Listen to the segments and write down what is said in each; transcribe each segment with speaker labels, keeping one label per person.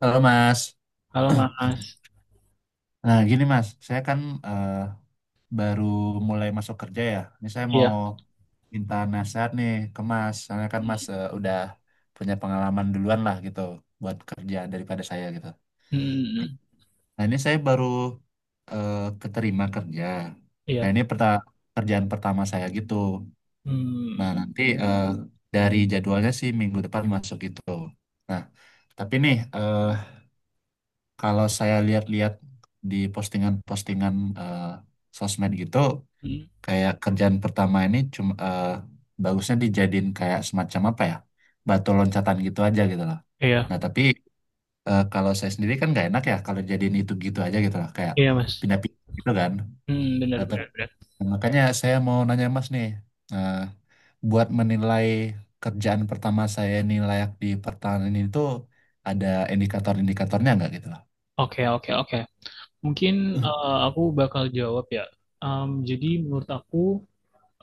Speaker 1: Halo Mas.
Speaker 2: Halo Mas.
Speaker 1: Nah gini Mas, saya kan eh, baru mulai masuk kerja ya. Ini saya mau
Speaker 2: Iya.
Speaker 1: minta nasihat nih ke Mas. Soalnya kan Mas udah punya pengalaman duluan lah gitu buat kerja daripada saya gitu.
Speaker 2: Hmm,
Speaker 1: Nah ini saya baru eh, keterima kerja. Nah
Speaker 2: iya.
Speaker 1: ini kerjaan pertama saya gitu.
Speaker 2: Hmm,
Speaker 1: Nah nanti dari jadwalnya sih minggu depan masuk gitu. Nah tapi nih kalau saya lihat-lihat di postingan-postingan eh, sosmed gitu,
Speaker 2: hmm,
Speaker 1: kayak kerjaan pertama ini cuma bagusnya dijadiin kayak semacam apa ya, batu loncatan gitu aja gitu loh.
Speaker 2: iya.
Speaker 1: Nah tapi kalau saya sendiri kan nggak enak ya kalau jadiin itu gitu aja gitu loh, kayak
Speaker 2: Iya, Mas.
Speaker 1: pindah-pindah gitu kan.
Speaker 2: Hmm, benar
Speaker 1: Nah, tapi-
Speaker 2: benar benar.
Speaker 1: Makanya saya mau nanya Mas nih, eh, buat menilai kerjaan pertama saya ini layak di pertahanan itu ada indikator-indikatornya nggak gitu loh?
Speaker 2: Oke oke oke. Mungkin, aku bakal jawab ya. Jadi menurut aku,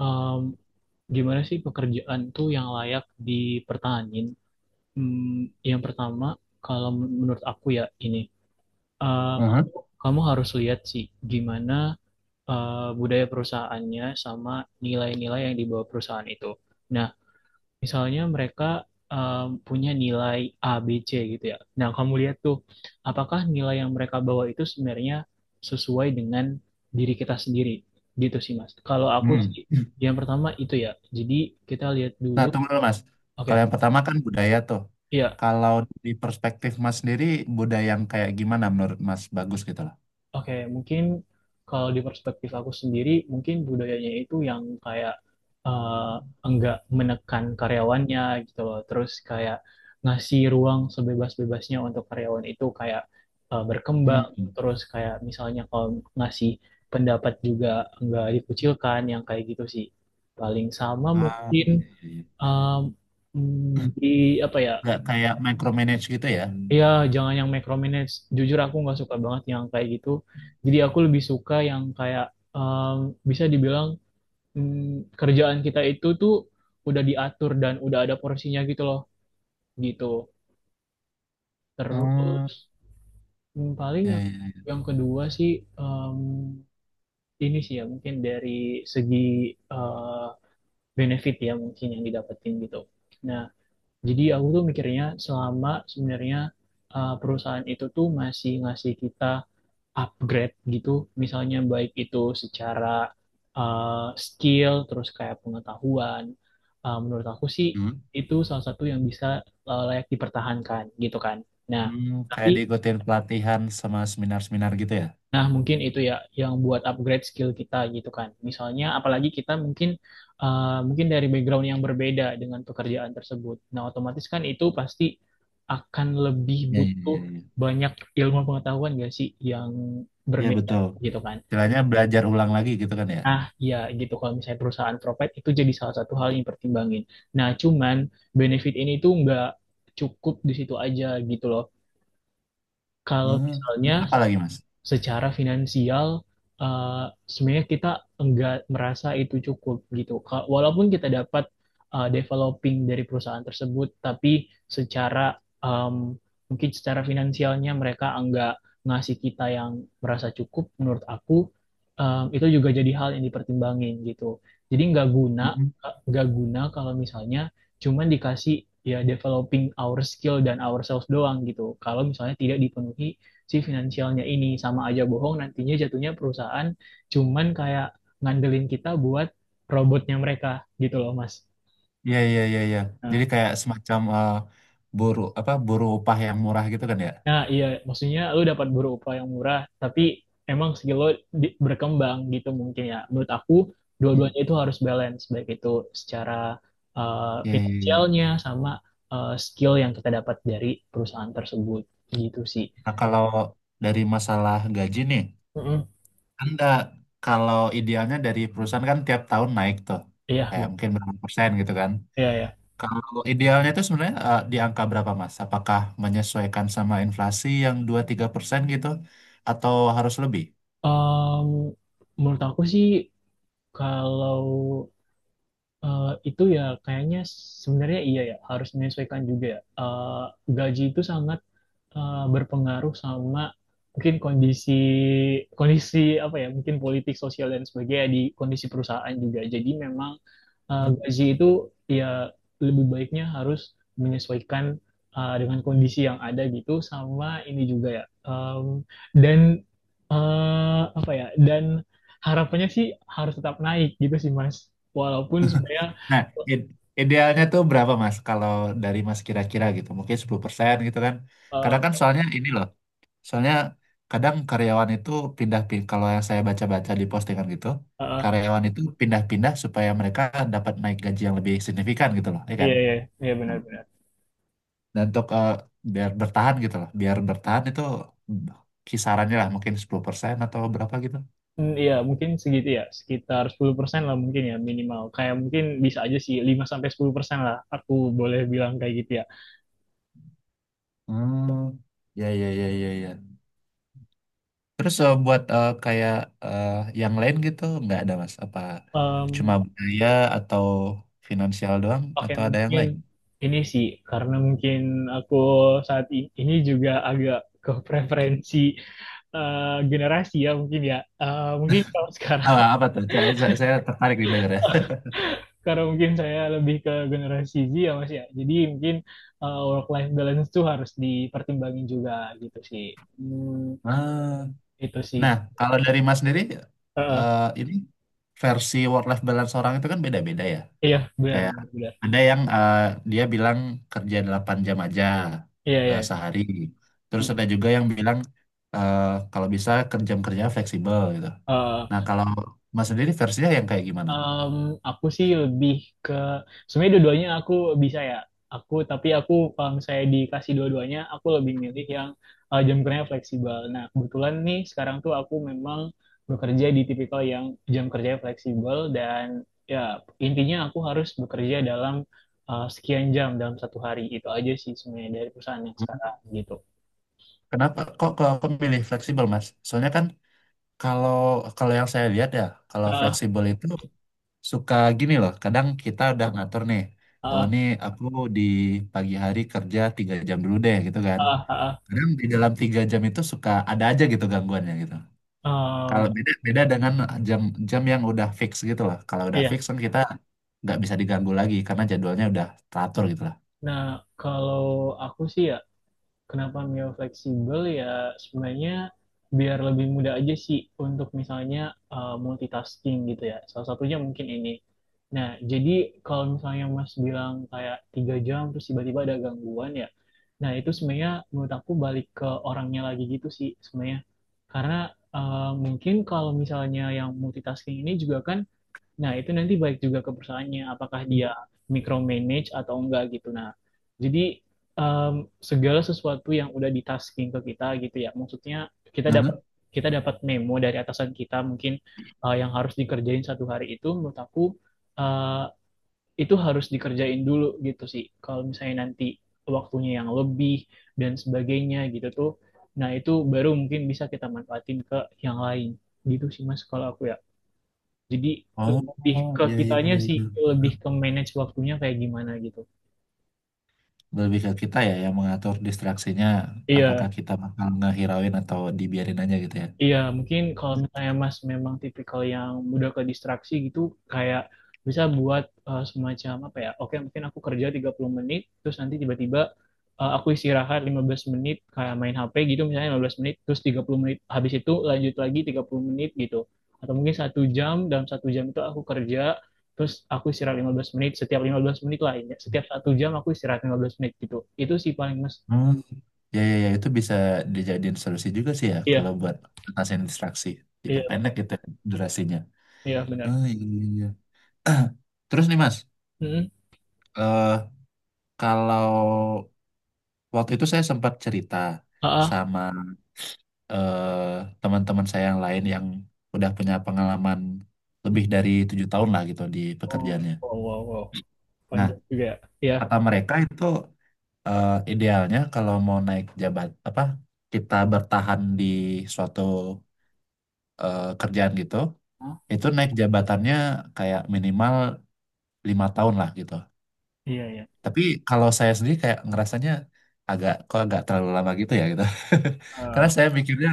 Speaker 2: em, gimana sih pekerjaan tuh yang layak dipertahanin? Yang pertama, kalau menurut aku ya ini, kamu kamu harus lihat sih gimana, budaya perusahaannya sama nilai-nilai yang dibawa perusahaan itu. Nah, misalnya mereka punya nilai A, B, C gitu ya. Nah, kamu lihat tuh, apakah nilai yang mereka bawa itu sebenarnya sesuai dengan diri kita sendiri? Gitu sih, Mas. Kalau aku
Speaker 1: Hmm.
Speaker 2: sih, yang pertama itu ya. Jadi kita lihat
Speaker 1: Nah,
Speaker 2: dulu.
Speaker 1: tunggu dulu Mas.
Speaker 2: Oke.
Speaker 1: Kalau yang pertama kan budaya tuh.
Speaker 2: Iya.
Speaker 1: Kalau di perspektif Mas sendiri, budaya yang kayak gimana menurut Mas bagus gitu loh?
Speaker 2: Oke, mungkin kalau di perspektif aku sendiri, mungkin budayanya itu yang kayak, eh, enggak menekan karyawannya gitu loh. Terus kayak ngasih ruang sebebas-bebasnya untuk karyawan itu kayak, berkembang.
Speaker 1: Hmm.
Speaker 2: Terus kayak misalnya kalau ngasih pendapat juga enggak dikucilkan, yang kayak gitu sih. Paling sama
Speaker 1: Ah,
Speaker 2: mungkin,
Speaker 1: iya, iya, iya.
Speaker 2: em, di apa ya?
Speaker 1: Nggak kayak micromanage gitu ya?
Speaker 2: Iya, jangan yang micromanage. Jujur aku nggak suka banget yang kayak gitu. Jadi aku lebih suka yang kayak, em, bisa dibilang, kerjaan kita itu tuh udah diatur dan udah ada porsinya gitu loh, gitu. Terus
Speaker 1: Hmm.
Speaker 2: paling
Speaker 1: Iya,
Speaker 2: yang
Speaker 1: iya, iya.
Speaker 2: yang kedua sih, em, ini sih ya mungkin dari segi, eh, benefit ya mungkin yang didapetin gitu. Nah, jadi aku tuh mikirnya selama sebenarnya, perusahaan itu tuh masih ngasih kita upgrade gitu, misalnya baik itu secara, uh, skill, terus kayak pengetahuan. Menurut aku sih
Speaker 1: Hmm.
Speaker 2: itu salah satu yang bisa, layak dipertahankan gitu kan. Nah,
Speaker 1: Hmm, kayak
Speaker 2: tapi.
Speaker 1: diikutin pelatihan sama seminar-seminar gitu ya?
Speaker 2: Nah mungkin itu ya yang buat upgrade skill kita gitu kan. Misalnya apalagi kita mungkin, mungkin dari background yang berbeda dengan pekerjaan tersebut. Nah, otomatis kan itu pasti akan lebih
Speaker 1: Iya, iya,
Speaker 2: butuh
Speaker 1: iya. Iya,
Speaker 2: banyak ilmu pengetahuan gak sih yang
Speaker 1: iya,
Speaker 2: berbeda
Speaker 1: betul.
Speaker 2: gitu kan.
Speaker 1: Istilahnya belajar ulang lagi gitu kan ya?
Speaker 2: Nah, ya gitu kalau misalnya perusahaan provide itu jadi salah satu hal yang pertimbangin. Nah, cuman benefit ini tuh nggak cukup di situ aja gitu loh. Kalau
Speaker 1: Hmm.
Speaker 2: misalnya
Speaker 1: Ini apa lagi Mas?
Speaker 2: secara finansial, sebenarnya kita enggak merasa itu cukup gitu. Walaupun kita dapat, developing dari perusahaan tersebut, tapi secara, em, mungkin secara finansialnya mereka enggak ngasih kita yang merasa cukup, menurut aku, itu juga jadi hal yang dipertimbangin gitu. Jadi nggak guna kalau misalnya cuman dikasih ya developing our skill dan ourselves doang gitu. Kalau misalnya tidak dipenuhi si finansialnya ini, sama aja bohong, nantinya jatuhnya perusahaan cuman kayak ngandelin kita buat robotnya mereka gitu loh, Mas.
Speaker 1: Iya iya iya iya.
Speaker 2: Nah.
Speaker 1: Jadi kayak semacam buruh apa buruh upah yang murah gitu kan ya?
Speaker 2: Nah, iya, maksudnya lu dapat berupa yang murah tapi emang skill lo berkembang gitu mungkin ya, menurut aku
Speaker 1: Hmm.
Speaker 2: dua-duanya itu harus balance, baik itu secara, uh,
Speaker 1: Iya iya iya.
Speaker 2: finansialnya sama, skill yang kita dapat dari perusahaan tersebut, gitu sih.
Speaker 1: Nah kalau dari masalah gaji nih,
Speaker 2: Mm-mm.
Speaker 1: Anda kalau idealnya dari perusahaan kan tiap tahun naik tuh,
Speaker 2: Iya,
Speaker 1: kayak
Speaker 2: bener.
Speaker 1: mungkin berapa persen gitu kan?
Speaker 2: Iya, ya.
Speaker 1: Kalau idealnya itu sebenarnya di angka berapa Mas? Apakah menyesuaikan sama inflasi yang 2-3% gitu, atau harus lebih?
Speaker 2: Menurut aku sih, kalau, eh, itu ya kayaknya sebenarnya iya ya harus menyesuaikan juga ya. Gaji itu sangat, berpengaruh sama mungkin kondisi, kondisi apa ya, mungkin politik sosial dan sebagainya di kondisi perusahaan juga. Jadi memang, gaji itu ya lebih baiknya harus menyesuaikan, dengan kondisi yang ada gitu, sama ini juga ya. Dan, apa ya, dan harapannya sih harus tetap naik gitu sih, Mas, walaupun sebenarnya.
Speaker 1: Nah, id- idealnya tuh berapa Mas? Kalau dari Mas kira-kira gitu, mungkin 10% gitu kan. Kadang kan
Speaker 2: eh,
Speaker 1: soalnya ini loh, soalnya kadang karyawan itu pindah-pindah, kalau yang saya baca-baca di postingan gitu,
Speaker 2: eh,
Speaker 1: karyawan itu pindah-pindah supaya mereka dapat naik gaji yang lebih signifikan gitu loh, ya kan?
Speaker 2: iya, iya, iya,
Speaker 1: Nah,
Speaker 2: benar-benar.
Speaker 1: dan untuk biar bertahan gitu loh, biar bertahan itu mm, kisarannya lah mungkin 10% atau berapa gitu.
Speaker 2: Hmm, iya, mungkin segitu ya, sekitar 10% lah mungkin ya minimal. Kayak mungkin bisa aja sih 5-10% lah, aku boleh bilang kayak gitu ya.
Speaker 1: Hmm, ya ya ya ya ya. Terus buat kayak eh, yang lain gitu nggak ada mas? Apa cuma
Speaker 2: Em,
Speaker 1: budaya atau finansial doang
Speaker 2: Oke,
Speaker 1: atau ada yang
Speaker 2: mungkin
Speaker 1: lain?
Speaker 2: ini sih karena mungkin aku saat ini juga agak ke preferensi, eh, generasi ya mungkin ya. Mungkin kalau sekarang
Speaker 1: Apa, apa tuh? Saya tertarik nih dengar ya.
Speaker 2: karena mungkin saya lebih ke generasi Z ya, Mas, ya. Jadi mungkin, work life balance tuh harus dipertimbangin juga gitu sih. Hmm.
Speaker 1: Ah,
Speaker 2: Itu sih.
Speaker 1: nah kalau dari mas sendiri
Speaker 2: Eh, eh,
Speaker 1: ini versi work life balance orang itu kan beda-beda ya.
Speaker 2: iya, benar,
Speaker 1: Kayak
Speaker 2: benar, benar.
Speaker 1: ada yang dia bilang kerja 8 jam aja
Speaker 2: Iya, iya.
Speaker 1: sehari. Terus
Speaker 2: Hmm.
Speaker 1: ada juga yang bilang eh, kalau bisa kerja-kerja fleksibel gitu. Nah,
Speaker 2: Eh,
Speaker 1: kalau Mas sendiri versinya yang kayak gimana?
Speaker 2: Em, aku sih lebih ke sebenarnya dua-duanya aku bisa ya. Aku kalau misalnya dikasih dua-duanya aku lebih milih yang, jam kerjanya fleksibel. Nah, kebetulan nih sekarang tuh aku memang bekerja di tipikal yang jam kerjanya fleksibel dan ya intinya aku harus bekerja dalam, sekian jam dalam 1 hari. Itu aja sih sebenarnya dari perusahaan yang sekarang gitu.
Speaker 1: Kenapa kok kok kok milih fleksibel, Mas? Soalnya kan kalau kalau yang saya lihat ya, kalau
Speaker 2: Ah,
Speaker 1: fleksibel itu suka gini loh. Kadang kita udah ngatur nih, oh
Speaker 2: ah,
Speaker 1: ini aku di pagi hari kerja 3 jam dulu deh gitu kan.
Speaker 2: ah, ah, ah.
Speaker 1: Kadang di dalam 3 jam itu suka ada aja gitu gangguannya gitu.
Speaker 2: Em,
Speaker 1: Kalau beda beda dengan jam jam yang udah fix gitu loh. Kalau udah
Speaker 2: iya.
Speaker 1: fix kan kita nggak bisa diganggu lagi karena jadwalnya udah teratur gitu lah.
Speaker 2: Nah, kalau aku sih ya kenapa Mio fleksibel ya sebenarnya biar lebih mudah aja sih untuk misalnya, multitasking gitu ya. Salah satunya mungkin ini. Nah, jadi kalau misalnya Mas bilang kayak 3 jam terus tiba-tiba ada gangguan ya, nah itu sebenarnya menurut aku balik ke orangnya lagi gitu sih sebenarnya. Karena, mungkin kalau misalnya yang multitasking ini juga kan. Nah, itu nanti baik juga ke perusahaannya, apakah dia micromanage atau enggak gitu. Nah, jadi, em, segala sesuatu yang udah ditasking ke kita gitu ya, maksudnya kita dapat
Speaker 1: Mhm.
Speaker 2: kita dapat memo dari atasan kita mungkin, yang harus dikerjain satu hari itu, menurut aku, eh, itu harus dikerjain dulu gitu sih. Kalau misalnya nanti waktunya yang lebih dan sebagainya gitu tuh, nah itu baru mungkin bisa kita manfaatin ke yang lain gitu sih, Mas, kalau aku ya. Jadi lebih
Speaker 1: Oh,
Speaker 2: ke
Speaker 1: iya iya
Speaker 2: kitanya
Speaker 1: iya,
Speaker 2: sih,
Speaker 1: iya.
Speaker 2: lebih ke manage waktunya kayak gimana gitu.
Speaker 1: Lebih ke kita ya yang mengatur distraksinya apakah
Speaker 2: Iya,
Speaker 1: kita bakal ngehirauin atau dibiarin aja gitu ya.
Speaker 2: iya, mungkin kalau misalnya Mas memang tipikal yang mudah ke distraksi gitu, kayak bisa buat, semacam apa ya, oke mungkin aku kerja 30 menit, terus nanti tiba-tiba, aku istirahat 15 menit, kayak main HP gitu misalnya 15 menit, terus 30 menit, habis itu lanjut lagi 30 menit gitu. Atau mungkin 1 jam, dalam 1 jam itu aku kerja, terus aku istirahat 15 menit, setiap 15 menit lah, ya. Setiap 1 jam aku istirahat 15 menit gitu. Itu sih paling Mas.
Speaker 1: Hmm. Ya ya ya itu bisa dijadiin solusi juga sih ya kalau
Speaker 2: Iya,
Speaker 1: buat ngatasin distraksi
Speaker 2: iya,
Speaker 1: diperpendek gitu ya durasinya.
Speaker 2: iya benar.
Speaker 1: Ah iya iya iya. Terus nih mas
Speaker 2: Mm-mm.
Speaker 1: eh kalau waktu itu saya sempat cerita
Speaker 2: Ah,
Speaker 1: sama eh teman-teman saya yang lain yang udah punya pengalaman
Speaker 2: ah.
Speaker 1: lebih dari 7 tahun lah gitu di
Speaker 2: Oh,
Speaker 1: pekerjaannya.
Speaker 2: wow, wow, wow.
Speaker 1: Nah
Speaker 2: Panjang juga ya. Iya.
Speaker 1: kata mereka itu idealnya kalau mau naik jabat apa kita bertahan di suatu kerjaan gitu
Speaker 2: Hah?
Speaker 1: itu naik jabatannya kayak minimal 5 tahun lah gitu.
Speaker 2: Iya, iya.
Speaker 1: Tapi kalau saya sendiri kayak ngerasanya agak kok agak terlalu lama gitu ya gitu. Karena
Speaker 2: Ah,
Speaker 1: saya mikirnya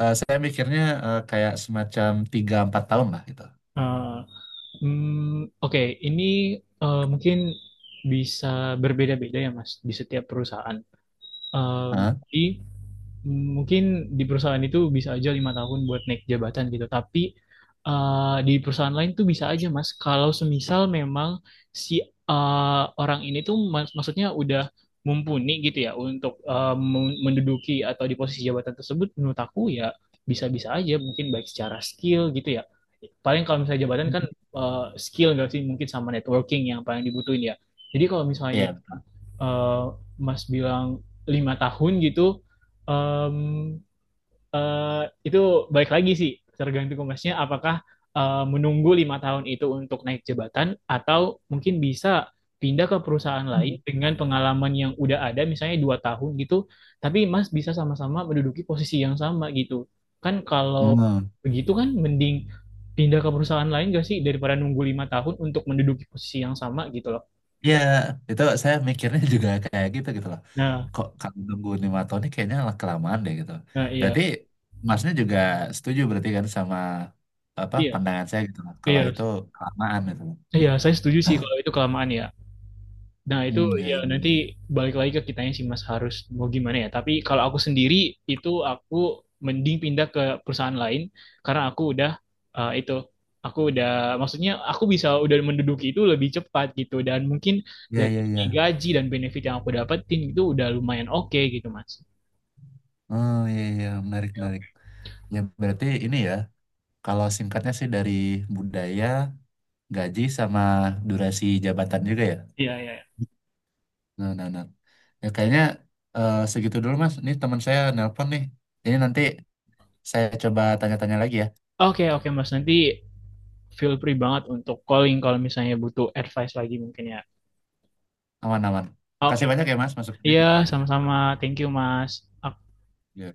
Speaker 1: eh, saya mikirnya kayak semacam 3-4 tahun lah gitu.
Speaker 2: ah, hmm, oke. Ini, mungkin bisa berbeda-beda ya, Mas, di setiap perusahaan. Em,
Speaker 1: Hah?
Speaker 2: Jadi mungkin di perusahaan itu bisa aja 5 tahun buat naik jabatan gitu, tapi, di perusahaan lain tuh bisa aja, Mas, kalau semisal memang si, orang ini tuh maksudnya udah mumpuni gitu ya untuk, menduduki atau di posisi jabatan tersebut, menurut aku ya bisa-bisa aja mungkin baik secara skill gitu ya. Paling kalau misalnya jabatan kan, skill nggak sih mungkin sama networking yang paling dibutuhin ya. Jadi kalau misalnya,
Speaker 1: Iya.
Speaker 2: eh, Mas bilang 5 tahun gitu, em, itu balik lagi sih tergantung Masnya apakah, menunggu 5 tahun itu untuk naik jabatan atau mungkin bisa pindah ke perusahaan lain dengan pengalaman yang udah ada misalnya 2 tahun gitu, tapi Mas bisa sama-sama menduduki posisi yang sama gitu. Kan kalau
Speaker 1: Hmm.
Speaker 2: begitu kan mending pindah ke perusahaan lain gak sih daripada nunggu 5 tahun untuk menduduki posisi yang sama gitu loh.
Speaker 1: Iya, itu saya mikirnya juga kayak gitu gitu loh.
Speaker 2: Nah.
Speaker 1: Kok kalau tunggu 5 tahun ini kayaknya lah kelamaan deh gitu.
Speaker 2: Nah, iya,
Speaker 1: Berarti masnya juga setuju berarti kan sama apa
Speaker 2: iya,
Speaker 1: pandangan saya gitu loh. Kalau
Speaker 2: iya.
Speaker 1: itu kelamaan gitu loh.
Speaker 2: Iya, saya setuju sih kalau itu kelamaan ya. Nah, itu
Speaker 1: Hmm, ya,
Speaker 2: ya nanti
Speaker 1: ya,
Speaker 2: balik lagi ke kitanya sih, Mas harus mau gimana ya. Tapi kalau aku sendiri itu aku mending pindah ke perusahaan lain karena aku udah, itu aku udah, maksudnya aku bisa udah menduduki itu lebih cepat gitu dan mungkin
Speaker 1: ya,
Speaker 2: dari
Speaker 1: ya, ya. Ya,
Speaker 2: segi
Speaker 1: ya.
Speaker 2: gaji dan benefit yang aku dapetin itu udah lumayan oke gitu, Mas.
Speaker 1: Oh, ya, ya, ya. Menarik, menarik. Ya, berarti ini ya, kalau singkatnya sih dari budaya, gaji sama durasi jabatan juga ya.
Speaker 2: Iya, iya, iya.
Speaker 1: Nah, nah, nah. Ya, kayaknya segitu dulu, Mas. Ini teman saya nelpon nih. Ini nanti saya coba tanya-tanya lagi ya.
Speaker 2: Oke, oke, Mas. Nanti feel free banget untuk calling kalau misalnya butuh advice lagi mungkin ya.
Speaker 1: Aman-aman.
Speaker 2: Oke.
Speaker 1: Makasih banyak ya Mas masukannya.
Speaker 2: Iya, sama-sama. Thank you, Mas. Ak-
Speaker 1: Ya.